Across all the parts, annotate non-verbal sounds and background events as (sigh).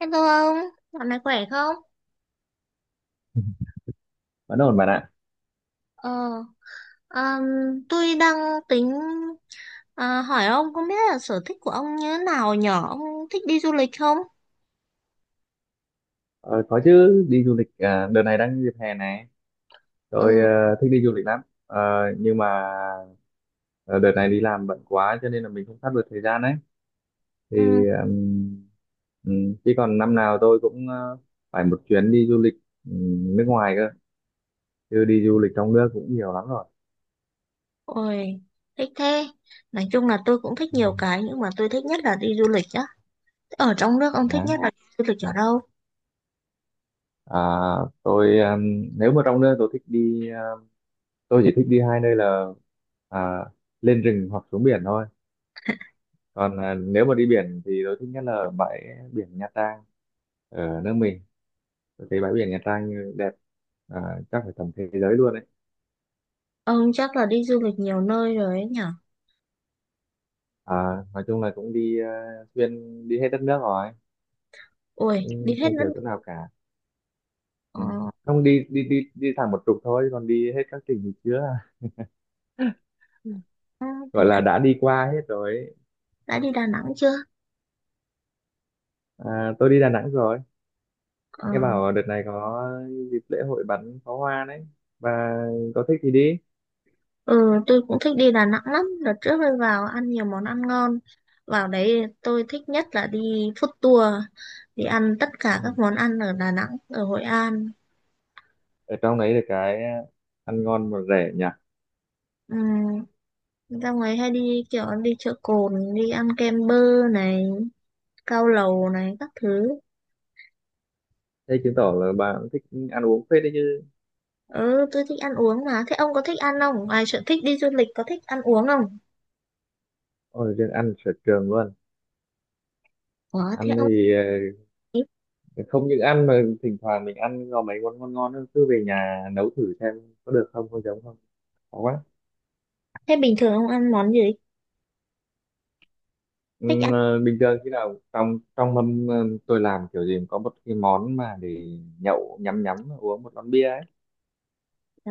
Hello ông, dạo này khỏe không? Vẫn ổn bạn ạ. Ờ, ờm, tôi đang tính hỏi ông không biết là sở thích của ông như thế nào nhở? Ông thích đi du lịch không? Ờ, có chứ, đi du lịch à? Đợt này đang dịp hè này, tôi Ừ, thích đi du lịch lắm. Ờ, nhưng mà ờ, đợt này đi làm bận quá cho nên là mình không sắp được thời gian ấy. ừ, Thì chứ còn năm nào tôi cũng phải một chuyến đi du lịch, nước ngoài cơ, chứ đi du lịch trong nước cũng nhiều lắm rồi. ôi, thích thế. Nói chung là tôi cũng thích nhiều cái nhưng mà tôi thích nhất là đi du lịch á. Ở trong nước ông thích nhất Đó. là đi du lịch ở đâu? à, tôi, nếu mà trong nước, tôi chỉ thích đi 2 nơi là à, lên rừng hoặc xuống biển thôi. Còn nếu mà đi biển thì tôi thích nhất là bãi biển Nha Trang. Ở nước mình tôi thấy bãi biển Nha Trang đẹp, à, chắc phải tầm thế giới luôn đấy. Ông chắc là đi du lịch nhiều nơi rồi ấy nhở? à, nói chung là cũng đi xuyên đi hết đất nước rồi, Ôi, đi cũng hết không thiếu chỗ đất. nào cả. Ừ. Ờ, Không, đi đi đi đi thẳng một trục thôi, còn đi hết các tỉnh thì chưa. (laughs) Gọi thế là đã, đã đi qua hết rồi ấy. đã đi Đà Nẵng chưa? Tôi đi Đà Nẵng rồi. Ờ. Nghe bảo đợt này có dịp lễ hội bắn pháo hoa đấy, và có thích thì đi. Ừ, tôi cũng thích đi Đà Nẵng lắm. Đợt trước tôi vào ăn nhiều món ăn ngon. Vào đấy tôi thích nhất là đi food tour, đi ăn tất cả các Ừ. món ăn ở Đà Nẵng, ở Hội An. Ở trong đấy được cái ăn ngon mà rẻ nhỉ. Ừ, ra ngoài hay đi kiểu đi chợ Cồn, đi ăn kem bơ này, cao lầu này, các thứ. Thế chứng tỏ là bà cũng thích ăn uống phết đấy chứ. Ừ, tôi thích ăn uống mà. Thế ông có thích ăn không? Ngoài sở thích đi du lịch có thích ăn uống không? Ôi, riêng ăn sở trường luôn. Có, thế Ăn ông thì ấy- ờ, không những ăn mà thỉnh thoảng mình ăn có mấy món ngon ngon nữa, cứ về nhà nấu thử xem có được không, có giống không. Khó quá. Thế bình thường ông ăn món gì? Ừ, Thích ăn bình thường khi nào trong trong mâm tôi làm kiểu gì cũng có một cái món mà để nhậu, nhắm nhắm uống một lon bia ấy. à,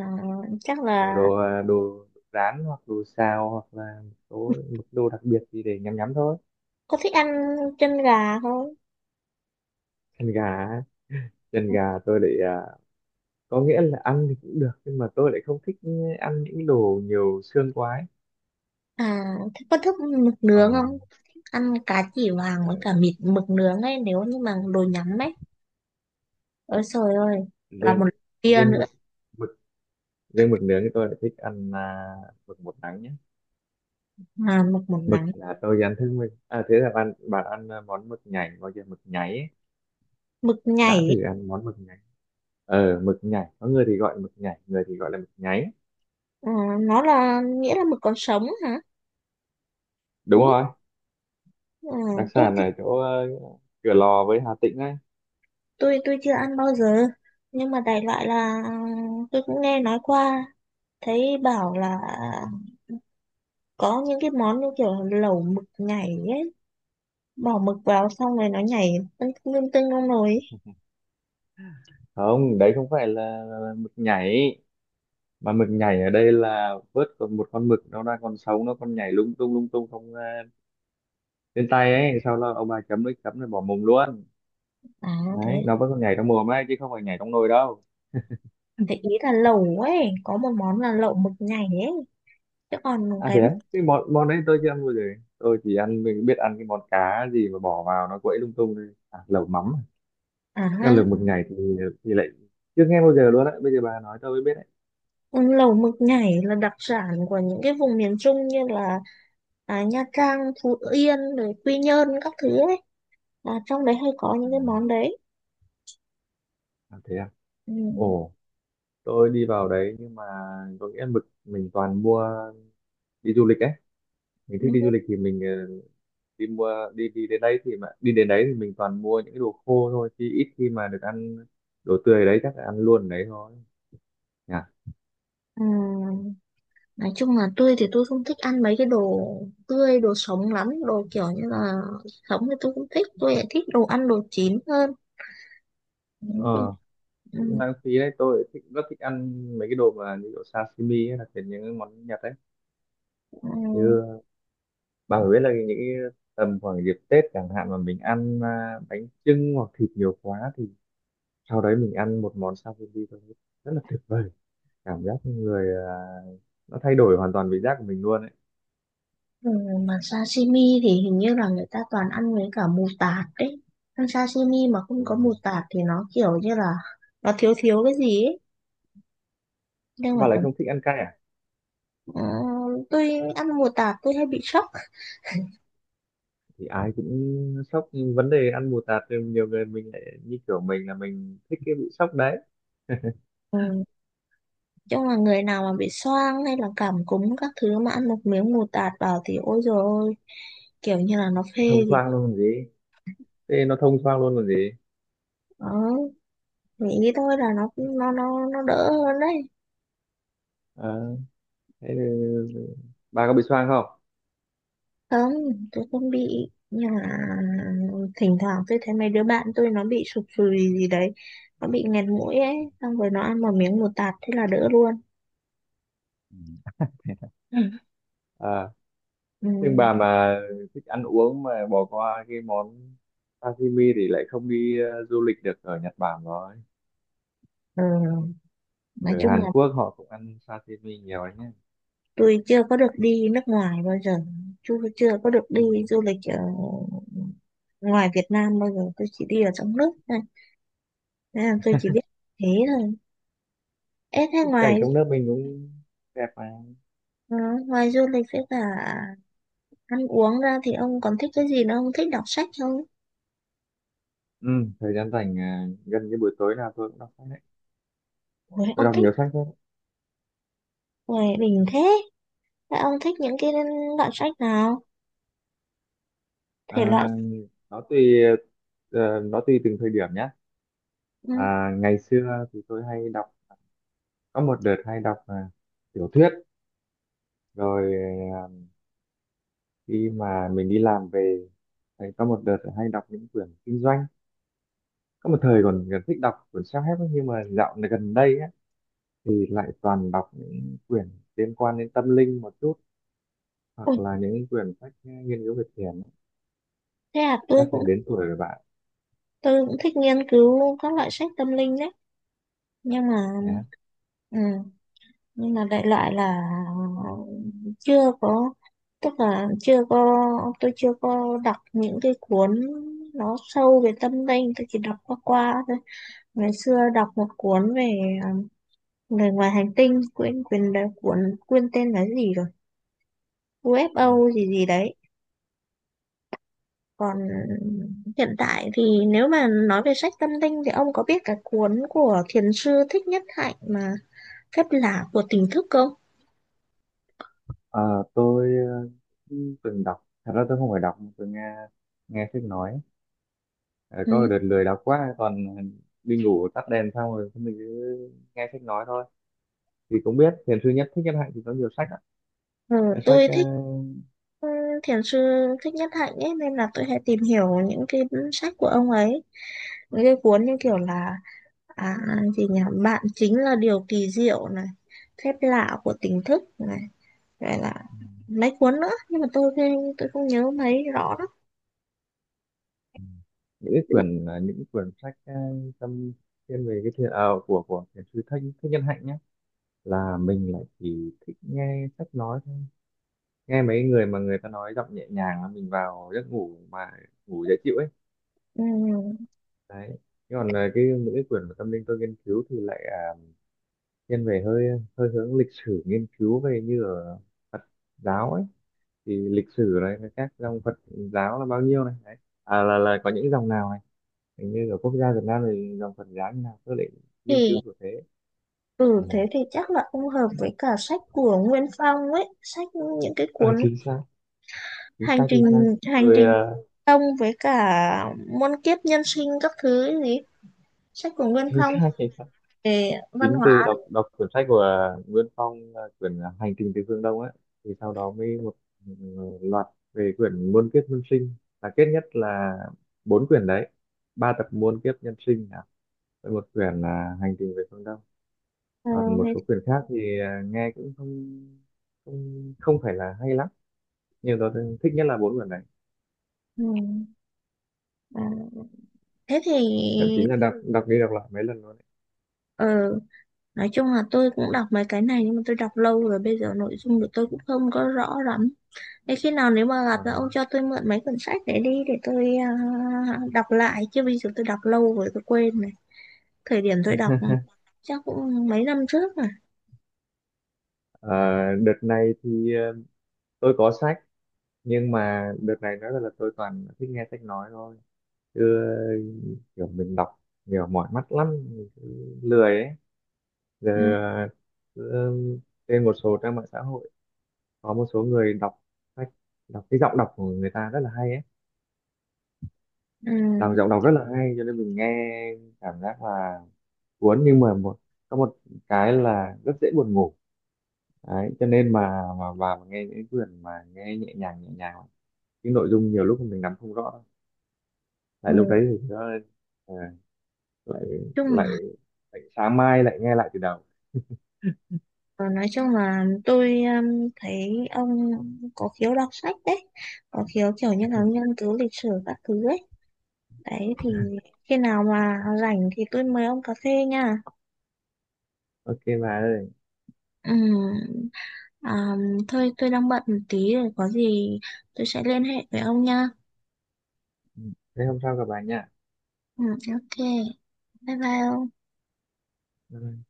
chắc Kiểu là đồ rán, hoặc đồ xào, hoặc là một đồ đặc biệt gì để nhắm nhắm thôi. có thích ăn chân gà không? Ừ. Chân gà, chân gà, tôi để, có nghĩa là ăn thì cũng được, nhưng mà tôi lại không thích ăn những đồ nhiều xương quá ấy. À, thế có thích mực Ờ, nướng không? Ăn cá chỉ vàng ờ, với cả mịt mực nướng ấy nếu như mà đồ nhắm ấy. Ôi trời ơi, là riêng một kia riêng nữa mực mực riêng mực nướng thì tôi lại thích ăn, mực một nắng nhé. mà mực một Mực nắng, là tôi ăn thức mình, à thế là bạn bạn ăn, món mực nhảy gọi là mực nháy ấy. mực nhảy Đã ấy. thử ăn món mực nháy mực nhảy. Có người thì gọi mực nhảy, người thì gọi là mực nháy. Ờ, nó là nghĩa là mực còn sống hả? Đúng Đúng không? rồi, Ờ, đặc tôi sản thì ở chỗ Cửa Lò với Hà Tĩnh ấy. tôi tôi chưa ăn bao giờ. Nhưng mà đại loại là tôi cũng nghe nói qua, thấy bảo là có những cái món như kiểu lẩu mực nhảy ấy, bỏ mực vào xong rồi nó nhảy tưng tưng tưng trong nồi ấy. Không, đấy không phải là mực nhảy, mà mực nhảy ở đây là vớt còn một con mực nó đang còn sống, nó còn nhảy lung tung lung tung, không lên tay ấy, sau đó ông bà chấm nước chấm rồi bỏ mồm luôn. À thế, Đấy, nó vẫn còn nhảy trong mồm ấy chứ không phải nhảy trong nồi đâu. thế ý là lẩu ấy, có một món là lẩu mực nhảy ấy. Chứ còn À cái thế á? Cái món món đấy tôi chưa ăn bao giờ. Tôi chỉ ăn, mình biết ăn cái món cá gì mà bỏ vào nó quậy lung tung thôi, lẩu mắm. à ha, Nhưng lẩu mực nhảy thì lại chưa nghe bao giờ luôn đấy, bây giờ bà nói tôi mới biết đấy. ừ, lẩu mực nhảy là đặc sản của những cái vùng miền Trung như là Nha Trang, Phú Yên, rồi Quy Nhơn các thứ ấy. À, trong đấy hay có à, những cái món đấy. Thế à, Ừ. ồ, tôi đi vào đấy nhưng mà có nghĩa mực mình toàn mua. Đi du lịch ấy, mình thích đi Ừ. du lịch thì mình đi đi đến đấy thì mình toàn mua những cái đồ khô thôi, chứ ít khi mà được ăn đồ tươi đấy, chắc là ăn luôn đấy thôi nhỉ. Ừ, nói chung là tôi thì tôi không thích ăn mấy cái đồ tươi, đồ sống lắm, đồ kiểu như là sống thì tôi không thích, tôi lại thích đồ ăn đồ chín hơn. Ừ. ờ Cũng Ừ. lãng phí đấy, tôi rất thích ăn mấy cái đồ mà như kiểu sashimi hay là kiểu những cái món Nhật đấy. Ừ. Như bà phải biết là những cái tầm khoảng dịp Tết chẳng hạn mà mình ăn bánh chưng hoặc thịt nhiều quá thì sau đấy mình ăn một món sashimi thôi, rất là tuyệt vời. Cảm giác người, nó thay đổi hoàn toàn vị giác của mình luôn ấy. Ừ, mà sashimi thì hình như là người ta toàn ăn với cả mù tạt đấy. Ăn sashimi mà không có Đúng rồi, mù tạt thì nó kiểu như là nó thiếu thiếu cái gì ấy. Nhưng mà bà lại thật, không thích ăn cay à. ờ, tôi ăn mù tạt tôi hay bị sốc. Thì ai cũng sốc, vấn đề ăn bù tạt thì nhiều người mình lại như kiểu mình là mình thích cái bị sốc đấy. Ừ, chung là người nào mà bị xoang hay là cảm cúm các thứ mà ăn một miếng mù tạt vào thì ôi dồi ôi, kiểu như là nó Thông phê gì. thoáng luôn còn gì, thế nó thông thoáng luôn còn gì. Đó, nghĩ thôi là nó đỡ hơn đấy. Ờ, Thế thì bà có bị xoang không? Không, tôi không bị nhưng mà thỉnh thoảng tôi thấy mấy đứa bạn tôi nó bị sụt sùi gì đấy, nó bị nghẹt mũi ấy, xong rồi nó ăn một miếng một tạt thế là đỡ luôn. Ừ. à nhưng Ừ, bà mà thích ăn uống mà bỏ qua cái món sashimi thì lại không đi du lịch được ở Nhật Bản rồi. ờ, nói Ở chung Hàn là Quốc họ cũng ăn sashimi nhiều đấy nhé. tôi chưa có được đi nước ngoài bao giờ, chưa chưa có được đi Ui, du lịch ở ngoài Việt Nam bao giờ, tôi chỉ đi ở trong nước thôi nên là tôi chỉ biết thế thôi. Ê thế tất cả ngoài cảnh trong nước mình cũng đẹp mà. ờ, ngoài du lịch với cả ăn uống ra thì ông còn thích cái gì nữa, ông thích đọc sách không? ừ, Thời gian rảnh, gần như buổi tối nào tôi cũng đọc sách đấy. Ủa, Tôi ông đọc thích nhiều sách lắm. người bình thế. Các ông thích những cái loại sách nào? Thể loại... À, nó tùy, từng thời điểm nhé. Ừ. Ngày xưa thì tôi hay đọc, có một đợt hay đọc tiểu thuyết. Rồi à, khi mà mình đi làm về thì có một đợt hay đọc những quyển kinh doanh. Có một thời còn còn thích đọc quyển self-help ấy, nhưng mà dạo này gần đây á, thì lại toàn đọc những quyển liên quan đến tâm linh một chút, hoặc Ui, là những quyển sách nghiên cứu về thiền. thế à, Chắc là đến tuổi rồi bạn tôi cũng thích nghiên cứu các loại sách tâm linh đấy. Nhưng mà... nhé. Ừ, nhưng mà đại loại là chưa có... Tức là chưa có... Tôi chưa có đọc những cái cuốn nó sâu về tâm linh. Tôi chỉ đọc qua qua thôi. Ngày xưa đọc một cuốn về um, người ngoài hành tinh. Quên, quên, đấy, cuốn, quên tên là gì rồi? UFO gì gì đấy. Còn hiện tại thì nếu mà nói về sách tâm linh thì ông có biết cái cuốn của thiền sư Thích Nhất Hạnh mà Phép Lạ của Tỉnh Thức không? Ờ, tôi từng đọc. Thật ra tôi không phải đọc mà tôi nghe nghe sách nói. Ờ, có một Ừ. đợt lười đọc quá, còn đi ngủ tắt đèn xong rồi mình cứ nghe sách nói thôi, thì cũng biết thiền sư Thích Nhất Hạnh thì có nhiều sách ạ. Ừ, Những sách, tôi thích thiền sư Thích Nhất Hạnh ấy nên là tôi hay tìm hiểu những cái sách của ông ấy. Những cái cuốn như kiểu là à, gì nhỉ? Bạn chính là điều kỳ diệu này, Phép Lạ của Tỉnh Thức này, gọi là mấy cuốn nữa nhưng mà tôi không nhớ mấy rõ lắm. những cái quyển, những cái quyển sách, tâm thiên về cái thiền, của thiền sư Thích Thích Nhân Hạnh nhé, là mình lại chỉ thích nghe sách nói thôi. Nghe mấy người mà người ta nói giọng nhẹ nhàng là mình vào giấc ngủ mà ngủ dễ chịu ấy. Ừ. Đấy, thế còn là cái những cái quyển mà tâm linh tôi nghiên cứu thì lại, thiên về hơi hơi hướng lịch sử, nghiên cứu về như ở Phật giáo ấy. Thì lịch sử này với các dòng Phật giáo là bao nhiêu này đấy, là có những dòng nào này, hình như ở quốc gia Việt Nam thì dòng Phật giáo như nào tôi lại nghiên cứu Thì của thế. Ừ. ừ, thế thì chắc là không hợp với cả sách của Nguyên Phong ấy, sách những cái ờ ừ. cuốn Chính xác, chính hành xác, trình chính xác. hành Tôi, trình công với cả muôn kiếp nhân sinh các thứ ấy gì, sách của (laughs) Nguyên chính Phong xác, chính xác. về văn Chính từ hóa. đọc, quyển sách của Nguyên Phong là quyển Hành Trình Từ Phương Đông ấy, thì sau đó mới một, ừ, loạt về quyển Muôn Kiếp Nhân Sinh. Là kết nhất là 4 quyển đấy, 3 tập Muôn Kiếp Nhân Sinh, với một quyển là Hành Trình Về Phương Đông. Ờ, Còn một thế, số quyển khác thì nghe cũng không không không phải là hay lắm, nhưng tôi thích nhất là 4 quyển đấy, ừ, ờ, thế thì thậm chí là đọc đọc đi đọc lại mấy lần luôn đấy. ờ, nói chung là tôi cũng đọc mấy cái này nhưng mà tôi đọc lâu rồi bây giờ nội dung của tôi cũng không có rõ lắm. Thế khi nào nếu mà gặp Ờ, là ông cho tôi mượn mấy cuốn sách để đi để tôi đọc lại chứ bây giờ tôi đọc lâu rồi tôi quên rồi. Thời điểm tôi đọc chắc cũng mấy năm trước mà. ờ, Đợt này thì tôi có sách, nhưng mà đợt này nói là tôi toàn thích nghe sách nói thôi. Cứ kiểu mình đọc nhiều mỏi mắt lắm, mình cứ lười ấy. Giờ Ừ, cứ trên một số trang mạng xã hội có một số người đọc sách, đọc cái giọng đọc của người ta rất là hay ấy. Đọc ừ, giọng đọc rất là hay cho nên mình nghe cảm giác là cuốn, nhưng mà một, có một cái là rất dễ buồn ngủ đấy, cho nên mà vào mà nghe những quyển mà nghe nhẹ nhàng nhẹ nhàng, cái nội dung nhiều lúc mình nắm không rõ, ừ. lại lúc đấy thì nó ờ, lại chung lại là lại sáng mai lại nghe lại từ đầu. ờ, nói chung là tôi thấy ông có khiếu đọc sách đấy, có khiếu kiểu như là nghiên cứu lịch sử các thứ ấy, đấy thì khi nào mà rảnh thì tôi mời ông cà phê nha. Ok bà ơi. Ừ. à, thôi tôi đang bận một tí rồi, có gì tôi sẽ liên hệ với ông nha. Ừ, thế hôm sau gặp bà nha. Ừ, ok, bye bye ông. Bye bye.